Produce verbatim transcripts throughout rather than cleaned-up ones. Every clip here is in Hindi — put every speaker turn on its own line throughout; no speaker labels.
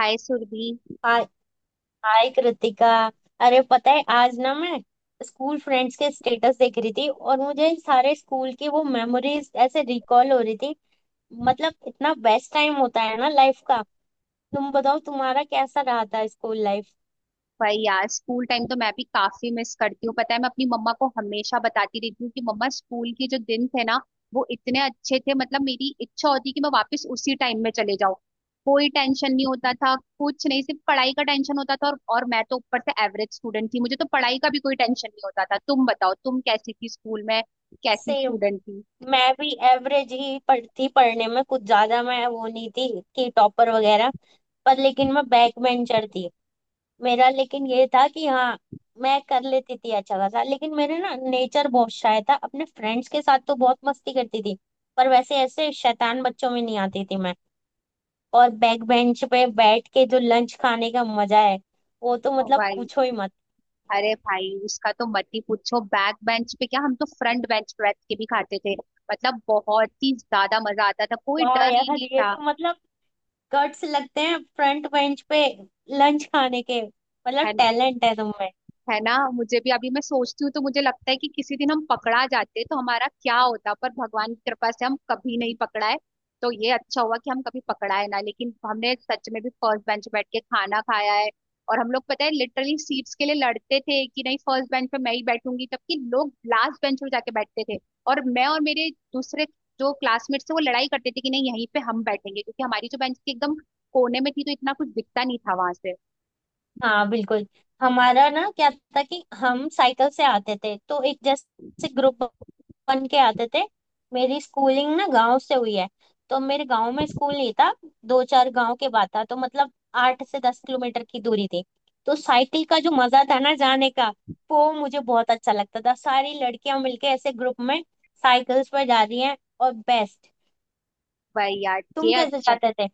हाय सुरभि।
हाय। हाय कृतिका। अरे पता है आज ना मैं स्कूल फ्रेंड्स के स्टेटस देख रही थी, और मुझे सारे स्कूल की वो मेमोरीज ऐसे रिकॉल हो रही थी। मतलब इतना बेस्ट टाइम होता है ना लाइफ का। तुम बताओ तुम्हारा कैसा रहा था स्कूल लाइफ।
भाई यार, स्कूल टाइम तो मैं भी काफी मिस करती हूँ। पता है, मैं अपनी मम्मा को हमेशा बताती रहती हूँ कि मम्मा स्कूल के जो दिन थे ना, वो इतने अच्छे थे। मतलब मेरी इच्छा होती कि मैं वापस उसी टाइम में चले जाऊँ। कोई टेंशन नहीं होता था, कुछ नहीं, सिर्फ पढ़ाई का टेंशन होता था। और, और मैं तो ऊपर से एवरेज स्टूडेंट थी, मुझे तो पढ़ाई का भी कोई टेंशन नहीं होता था। तुम बताओ, तुम कैसी थी स्कूल में, कैसी
सेम,
स्टूडेंट थी।
मैं भी एवरेज ही पढ़ती, पढ़ने में कुछ ज्यादा मैं वो नहीं थी कि टॉपर वगैरह। पर लेकिन मैं बैक बेंचर थी। मेरा लेकिन ये था कि हाँ मैं कर लेती थी अच्छा खासा, लेकिन मेरे ना नेचर बहुत शाय था। अपने फ्रेंड्स के साथ तो बहुत मस्ती करती थी, पर वैसे ऐसे शैतान बच्चों में नहीं आती थी मैं। और बैक बेंच पे बैठ के जो लंच खाने का मजा है, वो तो
ओ
मतलब
भाई,
पूछो ही मत।
अरे भाई, उसका तो मत ही पूछो। बैक बेंच पे क्या, हम तो फ्रंट बेंच पे बैठ के भी खाते थे। मतलब बहुत ही ज्यादा मजा आता था, कोई
वाह
डर ही
यार,
नहीं
ये
था।
तो मतलब कट्स लगते हैं। फ्रंट बेंच पे लंच खाने के
है।
मतलब टैलेंट है तुम में।
है ना, मुझे भी, अभी मैं सोचती हूँ तो मुझे लगता है कि किसी दिन हम पकड़ा जाते तो हमारा क्या होता, पर भगवान की कृपा से हम कभी नहीं पकड़ाए। तो ये अच्छा हुआ कि हम कभी पकड़ाए ना। लेकिन हमने सच में भी फर्स्ट बेंच बैठ के खाना खाया है। और हम लोग, पता है, लिटरली सीट्स के लिए लड़ते थे कि नहीं, फर्स्ट बेंच पे मैं ही बैठूंगी, जबकि लोग लास्ट बेंच पे जाके बैठते थे। और मैं और मेरे दूसरे जो क्लासमेट्स थे, वो लड़ाई करते थे कि नहीं, यहीं पे हम बैठेंगे, क्योंकि हमारी जो बेंच थी एकदम कोने में थी, तो इतना कुछ दिखता नहीं था वहां से।
हाँ बिल्कुल। हमारा ना क्या था कि हम साइकिल से आते थे, तो एक जैसे ग्रुप बन के आते थे। मेरी स्कूलिंग ना गांव से हुई है, तो मेरे गांव में स्कूल नहीं था। दो चार गांव के बाद था, तो मतलब आठ से दस किलोमीटर की दूरी थी। तो साइकिल का जो मजा था ना जाने का, वो मुझे बहुत अच्छा लगता था। सारी लड़कियां मिलके ऐसे ग्रुप में साइकिल्स पर जा रही हैं और बेस्ट।
भाई यार,
तुम
ये
कैसे
अच्छा।
जाते थे?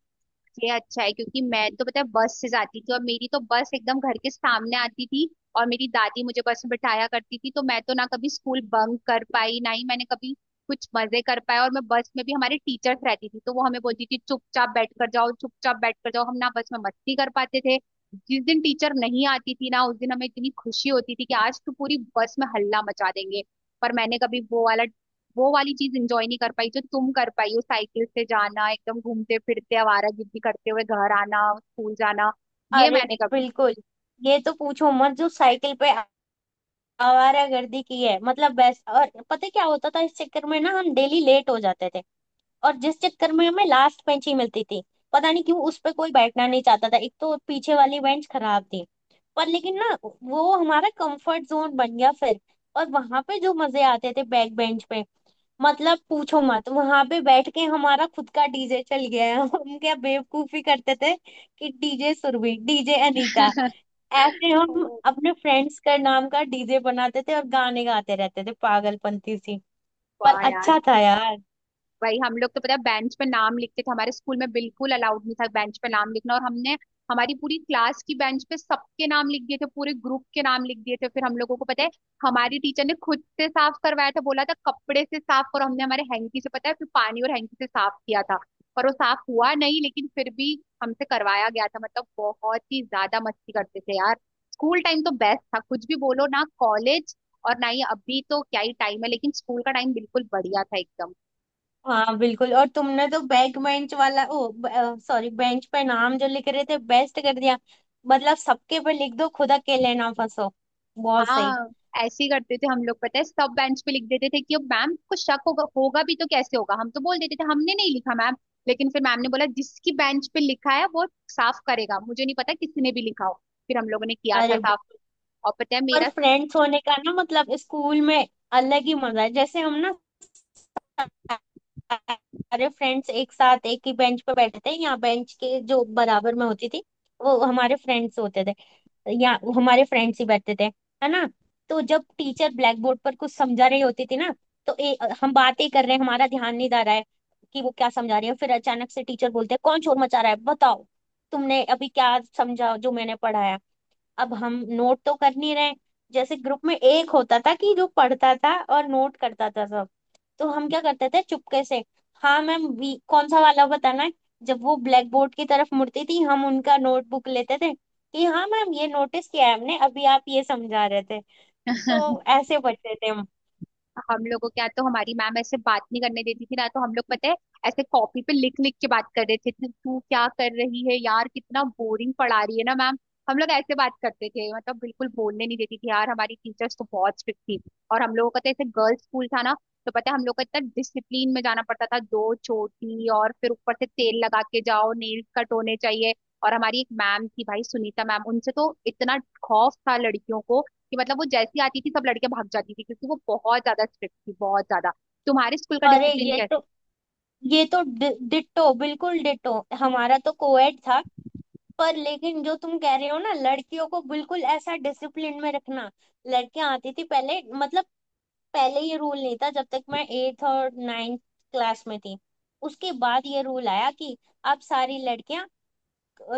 ये अच्छा है, क्योंकि मैं तो, पता है, बस से जाती थी, और मेरी तो बस एकदम घर के सामने आती थी। और मेरी दादी मुझे बस में बिठाया करती थी, तो मैं तो ना कभी स्कूल बंक कर पाई, ना ही मैंने कभी कुछ मजे कर पाए। और मैं, बस में भी हमारे टीचर्स रहती थी, तो वो हमें बोलती थी चुपचाप बैठ कर जाओ, चुपचाप बैठ कर जाओ। हम ना बस में मस्ती कर पाते थे। जिस दिन टीचर नहीं आती थी ना, उस दिन हमें इतनी खुशी होती थी कि आज तो पूरी बस में हल्ला मचा देंगे। पर मैंने कभी वो वाला वो वाली चीज इंजॉय नहीं कर पाई, जो तुम कर पाई हो। साइकिल से जाना, एकदम घूमते फिरते आवारागर्दी करते हुए घर आना, स्कूल जाना, ये
अरे
मैंने कभी
बिल्कुल, ये तो पूछो मत। जो साइकिल पे आवारागर्दी की है मतलब बेस्ट। और पता है क्या होता था इस चक्कर में ना, हम डेली लेट हो जाते थे। और जिस चक्कर में हमें लास्ट बेंच ही मिलती थी। पता नहीं क्यों उस पर कोई बैठना नहीं चाहता था, एक तो पीछे वाली बेंच खराब थी। पर लेकिन ना वो हमारा कंफर्ट जोन बन गया फिर। और वहां पे जो मजे आते थे बैक बेंच पे, मतलब पूछो मत। वहां पे बैठ के हमारा खुद का डीजे चल गया है हम क्या बेवकूफी करते थे कि डीजे सुरभि, डीजे अनीता, ऐसे
ओ
हम अपने फ्रेंड्स का नाम का डीजे बनाते थे और गाने गाते रहते थे पागलपंती सी। पर
वाह यार।
अच्छा था यार।
वही, हम लोग तो, पता है, बेंच पे नाम लिखते थे। हमारे स्कूल में बिल्कुल अलाउड नहीं था बेंच पे नाम लिखना, और हमने हमारी पूरी क्लास की बेंच पे सबके नाम लिख दिए थे, पूरे ग्रुप के नाम लिख दिए थे। फिर हम लोगों को, पता है, हमारी टीचर ने खुद से साफ करवाया था, बोला था कपड़े से साफ करो। हमने हमारे हैंकी से, पता है, फिर पानी और हैंकी से साफ किया था। पर वो साफ हुआ नहीं, लेकिन फिर भी हमसे करवाया गया था। मतलब बहुत ही ज्यादा मस्ती करते थे यार। स्कूल टाइम तो बेस्ट था, कुछ भी बोलो, ना कॉलेज और ना ही अभी तो क्या ही टाइम है, लेकिन स्कूल का टाइम बिल्कुल बढ़िया था, एकदम।
हाँ बिल्कुल, और तुमने तो बैक बेंच वाला, ओ सॉरी, बेंच पे नाम जो लिख रहे थे बेस्ट कर दिया। मतलब सबके पे लिख दो, खुद अकेले ना फंसो। बहुत सही।
हाँ, ऐसे ही करते थे हम लोग। पता है, सब बेंच पे लिख देते थे कि अब मैम को शक होगा, होगा भी तो कैसे होगा, हम तो बोल देते थे हमने नहीं लिखा मैम। लेकिन फिर मैम ने बोला जिसकी बेंच पे लिखा है वो साफ करेगा, मुझे नहीं पता किसने भी लिखा हो। फिर हम लोगों ने किया था
अरे
साफ। और पता है
पर
मेरा
फ्रेंड्स होने का ना मतलब स्कूल में अलग ही मजा है। जैसे हम ना सारे फ्रेंड्स एक साथ एक ही बेंच पे बैठे थे। यहाँ बेंच के जो बराबर में होती थी, वो हमारे फ्रेंड्स होते थे, या हमारे फ्रेंड्स ही बैठते थे, है ना। तो जब टीचर ब्लैक बोर्ड पर कुछ समझा रही होती थी ना, तो ए, हम बातें कर रहे हैं, हमारा ध्यान नहीं जा रहा है कि वो क्या समझा रही है। फिर अचानक से टीचर बोलते हैं, कौन शोर मचा रहा है, बताओ तुमने अभी क्या समझा जो मैंने पढ़ाया। अब हम नोट तो कर नहीं रहे। जैसे ग्रुप में एक होता था कि जो पढ़ता था और नोट करता था सब, तो हम क्या करते थे, चुपके से हाँ मैम, वी कौन सा वाला बताना है। जब वो ब्लैक बोर्ड की तरफ मुड़ती थी, हम उनका नोटबुक लेते थे कि हाँ मैम, ये नोटिस किया है हमने, अभी आप ये समझा रहे थे। तो ऐसे बचते थे हम।
हम लोगों के यहाँ तो हमारी मैम ऐसे बात नहीं करने देती थी ना, तो हम लोग, पता है, ऐसे कॉपी पे लिख लिख के बात कर रहे थे, तू तू क्या कर रही है यार, कितना बोरिंग पढ़ा रही है ना मैम। हम लोग ऐसे बात करते थे। मतलब बिल्कुल बोलने नहीं देती थी यार, हमारी टीचर्स तो बहुत स्ट्रिक्ट थी। और हम लोगों का तो ऐसे गर्ल्स स्कूल था ना, तो पता है हम लोग को इतना डिसिप्लिन में जाना पड़ता था, दो चोटी और फिर ऊपर से तेल लगा के जाओ, नेल कट होने चाहिए। और हमारी एक मैम थी भाई, सुनीता मैम, उनसे तो इतना खौफ था लड़कियों को कि, मतलब, वो जैसी आती थी सब लड़के भाग जाती थी, क्योंकि वो बहुत ज्यादा स्ट्रिक्ट थी, बहुत ज्यादा। तुम्हारे स्कूल का
अरे
डिसिप्लिन
ये तो
कैसे।
ये तो डि, डिट्टो, बिल्कुल डिट्टो। हमारा तो कोएड था, पर लेकिन जो तुम कह रहे हो ना, लड़कियों को बिल्कुल ऐसा डिसिप्लिन में रखना। लड़कियां आती थी पहले, मतलब पहले ये रूल नहीं था जब तक मैं एट्थ और नाइन्थ क्लास में थी। उसके बाद ये रूल आया कि अब सारी लड़कियां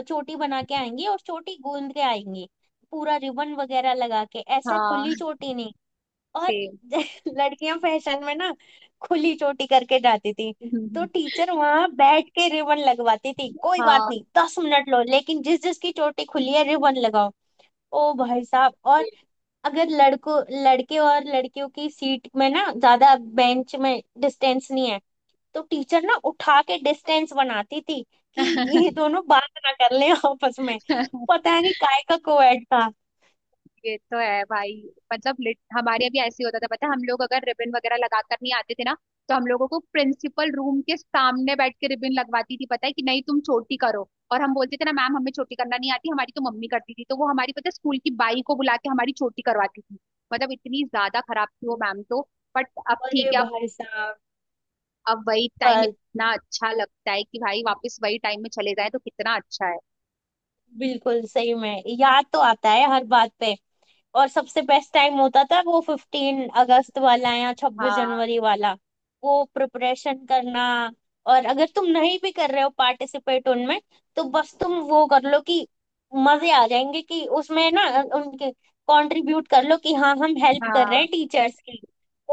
चोटी बना के आएंगी और चोटी गूंद के आएंगी, पूरा रिबन वगैरह लगा के, ऐसा
हाँ,
खुली चोटी नहीं। और
सेम।
लड़कियां फैशन में ना खुली चोटी करके जाती थी। तो टीचर वहां बैठ के रिबन लगवाती थी, कोई बात
हाँ
नहीं दस मिनट लो, लेकिन जिस जिसकी चोटी खुली है रिबन लगाओ। ओ भाई साहब। और अगर लड़कों लड़के और लड़कियों की सीट में ना ज्यादा, बेंच में डिस्टेंस नहीं है, तो टीचर ना उठा के डिस्टेंस बनाती थी कि ये दोनों बात ना कर लें आपस में। पता नहीं काय का कोएड था।
ये तो है भाई। मतलब लिट, हमारे यहाँ भी ऐसे ही होता था। पता है, हम लोग अगर रिबन वगैरह लगा कर नहीं आते थे ना, तो हम लोगों को प्रिंसिपल रूम के सामने बैठ के रिबन लगवाती थी। पता है कि नहीं, तुम छोटी करो, और हम बोलते थे ना, मैम हमें छोटी करना नहीं आती, हमारी तो मम्मी करती थी, तो वो हमारी, पता है, स्कूल की बाई को बुला के हमारी छोटी करवाती थी। मतलब इतनी ज्यादा खराब थी वो मैम तो। बट अब ठीक
अरे
है, अब
भाई साहब,
अब वही टाइम इतना अच्छा लगता है कि भाई वापस वही टाइम में चले जाए तो कितना अच्छा है।
बिल्कुल सही में याद तो आता है हर बात पे। और सबसे बेस्ट टाइम होता था वो फिफ्टीन अगस्त वाला या छब्बीस
हाँ।
जनवरी वाला। वो प्रिपरेशन करना, और अगर तुम नहीं भी कर रहे हो पार्टिसिपेट उनमें, तो बस तुम वो कर लो कि मजे आ जाएंगे। कि उसमें ना उनके कंट्रीब्यूट कर लो कि हाँ हम हेल्प कर रहे
हाँ।
हैं टीचर्स की।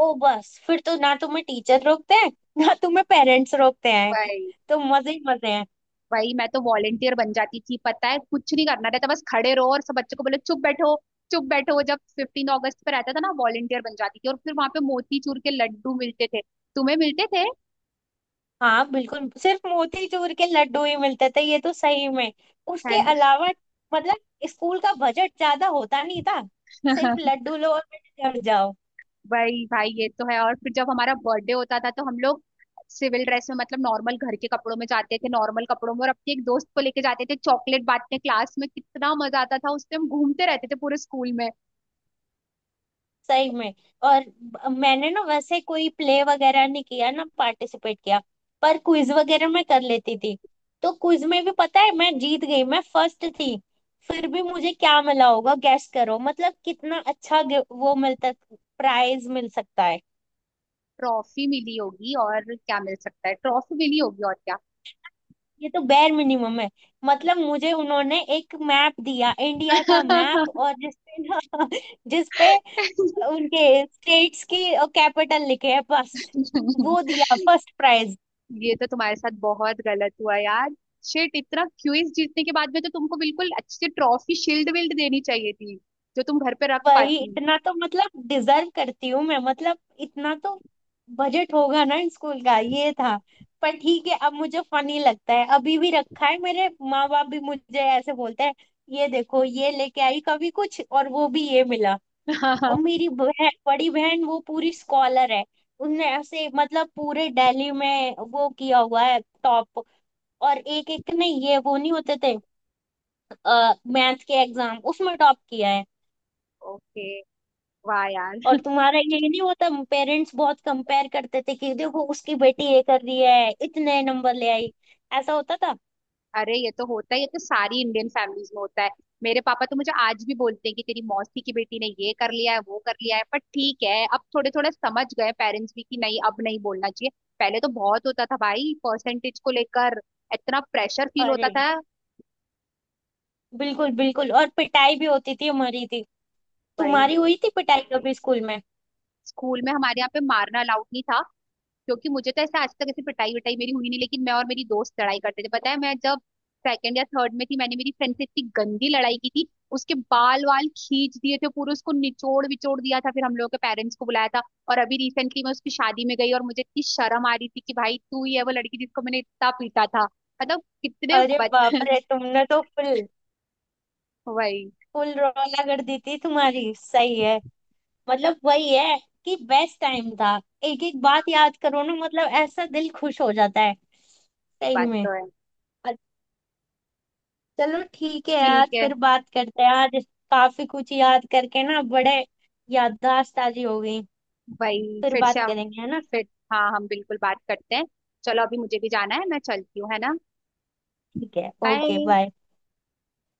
ओ बस फिर तो ना तुम्हें टीचर रोकते हैं ना तुम्हें पेरेंट्स रोकते हैं,
वही।
तो मजे ही मजे हैं।
वही, मैं तो वॉलेंटियर बन जाती थी। पता है, कुछ नहीं करना रहता, बस खड़े रहो और सब बच्चों को बोलो चुप बैठो, चुप बैठो। जब फिफ्टीन अगस्त पे रहता था ना, वॉलेंटियर बन जाती थी, और फिर वहां पे मोती चूर के लड्डू मिलते थे। तुम्हें मिलते थे।
हाँ बिल्कुल, सिर्फ मोतीचूर के लड्डू ही मिलते थे, ये तो सही में।
है
उसके
ना।
अलावा मतलब स्कूल का बजट ज्यादा होता नहीं था, सिर्फ लड्डू लो और पेट भर जाओ।
भाई भाई, ये तो है। और फिर जब हमारा बर्थडे होता था, तो हम लोग सिविल ड्रेस में, मतलब नॉर्मल घर के कपड़ों में जाते थे, नॉर्मल कपड़ों में, और अपने एक दोस्त को लेके जाते थे चॉकलेट बांटने क्लास में। कितना मजा आता था उस टाइम, घूमते रहते थे पूरे स्कूल में।
सही में। और ब- मैंने ना वैसे कोई प्ले वगैरह नहीं किया ना पार्टिसिपेट किया, पर क्विज वगैरह मैं कर लेती थी। तो क्विज में भी पता है मैं जीत गई, मैं फर्स्ट थी। फिर भी मुझे क्या मिला होगा गैस करो, मतलब कितना अच्छा गे- वो मिलता, प्राइज मिल सकता है।
ट्रॉफी मिली होगी और क्या, मिल सकता है ट्रॉफी मिली होगी और क्या।
ये तो बेर मिनिमम है। मतलब मुझे उन्होंने एक मैप दिया, इंडिया का मैप, और जिसपे ना जिसपे उनके स्टेट्स की कैपिटल लिखे है बस, वो दिया फर्स्ट प्राइज।
ये तो तुम्हारे साथ बहुत गलत हुआ यार। शिट, इतना क्विज जीतने के बाद में तो तुमको बिल्कुल अच्छी ट्रॉफी शील्ड विल्ड देनी चाहिए थी, जो तुम घर पे रख
वही,
पाती।
इतना तो मतलब डिजर्व करती हूँ मैं, मतलब इतना तो बजट होगा ना स्कूल का, ये था। पर ठीक है, अब मुझे फनी लगता है, अभी भी रखा है। मेरे माँ बाप भी मुझे ऐसे बोलते हैं, ये देखो ये लेके आई कभी कुछ और, वो भी ये मिला। और मेरी बहन, बड़ी बहन, वो पूरी स्कॉलर है। उसने ऐसे मतलब पूरे दिल्ली में वो किया हुआ है टॉप, और एक एक ने ये वो नहीं होते थे मैथ के एग्जाम, उसमें टॉप किया है।
ओके। वाह यार।
और तुम्हारा ये नहीं होता, पेरेंट्स बहुत कंपेयर करते थे कि देखो उसकी बेटी ये कर रही है, इतने नंबर ले आई, ऐसा होता था।
अरे ये तो होता है, ये तो सारी इंडियन फैमिलीज में होता है। मेरे पापा तो मुझे आज भी बोलते हैं कि तेरी मौसी की बेटी ने ये कर लिया है, वो कर लिया है। पर ठीक है, अब थोड़े, थोड़ा समझ गए पेरेंट्स भी कि नहीं अब नहीं बोलना चाहिए। पहले तो बहुत होता था भाई, परसेंटेज को लेकर इतना प्रेशर फील होता
अरे
था।
बिल्कुल बिल्कुल, और पिटाई भी होती थी हमारी थी।
वही,
तुम्हारी हुई थी पिटाई कभी स्कूल में?
स्कूल में हमारे यहाँ पे मारना अलाउड नहीं था, क्योंकि मुझे तो ऐसा आज तक ऐसी पिटाई विटाई मेरी हुई नहीं। लेकिन मैं और मेरी दोस्त लड़ाई करते थे। पता है, मैं जब सेकंड या थर्ड में थी, मैंने मेरी फ्रेंड से इतनी गंदी लड़ाई की थी, उसके बाल वाल खींच दिए थे पूरे, उसको निचोड़ विचोड़ दिया था, फिर हम लोगों के पेरेंट्स को बुलाया था। और अभी रिसेंटली मैं उसकी शादी में गई, और मुझे इतनी शर्म आ रही थी कि भाई, तू ही है वो लड़की जिसको मैंने इतना पीटा था। मतलब कितने
अरे बाप
बच
रे, तुमने तो फुल
वही।
फुल रौला कर दी थी, तुम्हारी सही है। मतलब वही है कि बेस्ट टाइम था। एक एक
हाँ।
बात याद करो ना, मतलब ऐसा दिल खुश हो जाता है।
ये
सही
बात
में।
तो है।
अ- चलो ठीक है यार,
ठीक है।
फिर बात करते हैं आज। काफी कुछ याद करके ना बड़े याददाश्त ताजी हो गई।
भाई
फिर
फिर
बात
से।
करेंगे, है ना।
फिर। हाँ, हम बिल्कुल बात करते हैं। चलो, अभी मुझे भी जाना है, मैं चलती हूँ, है ना।
ठीक है, ओके
बाय।
बाय।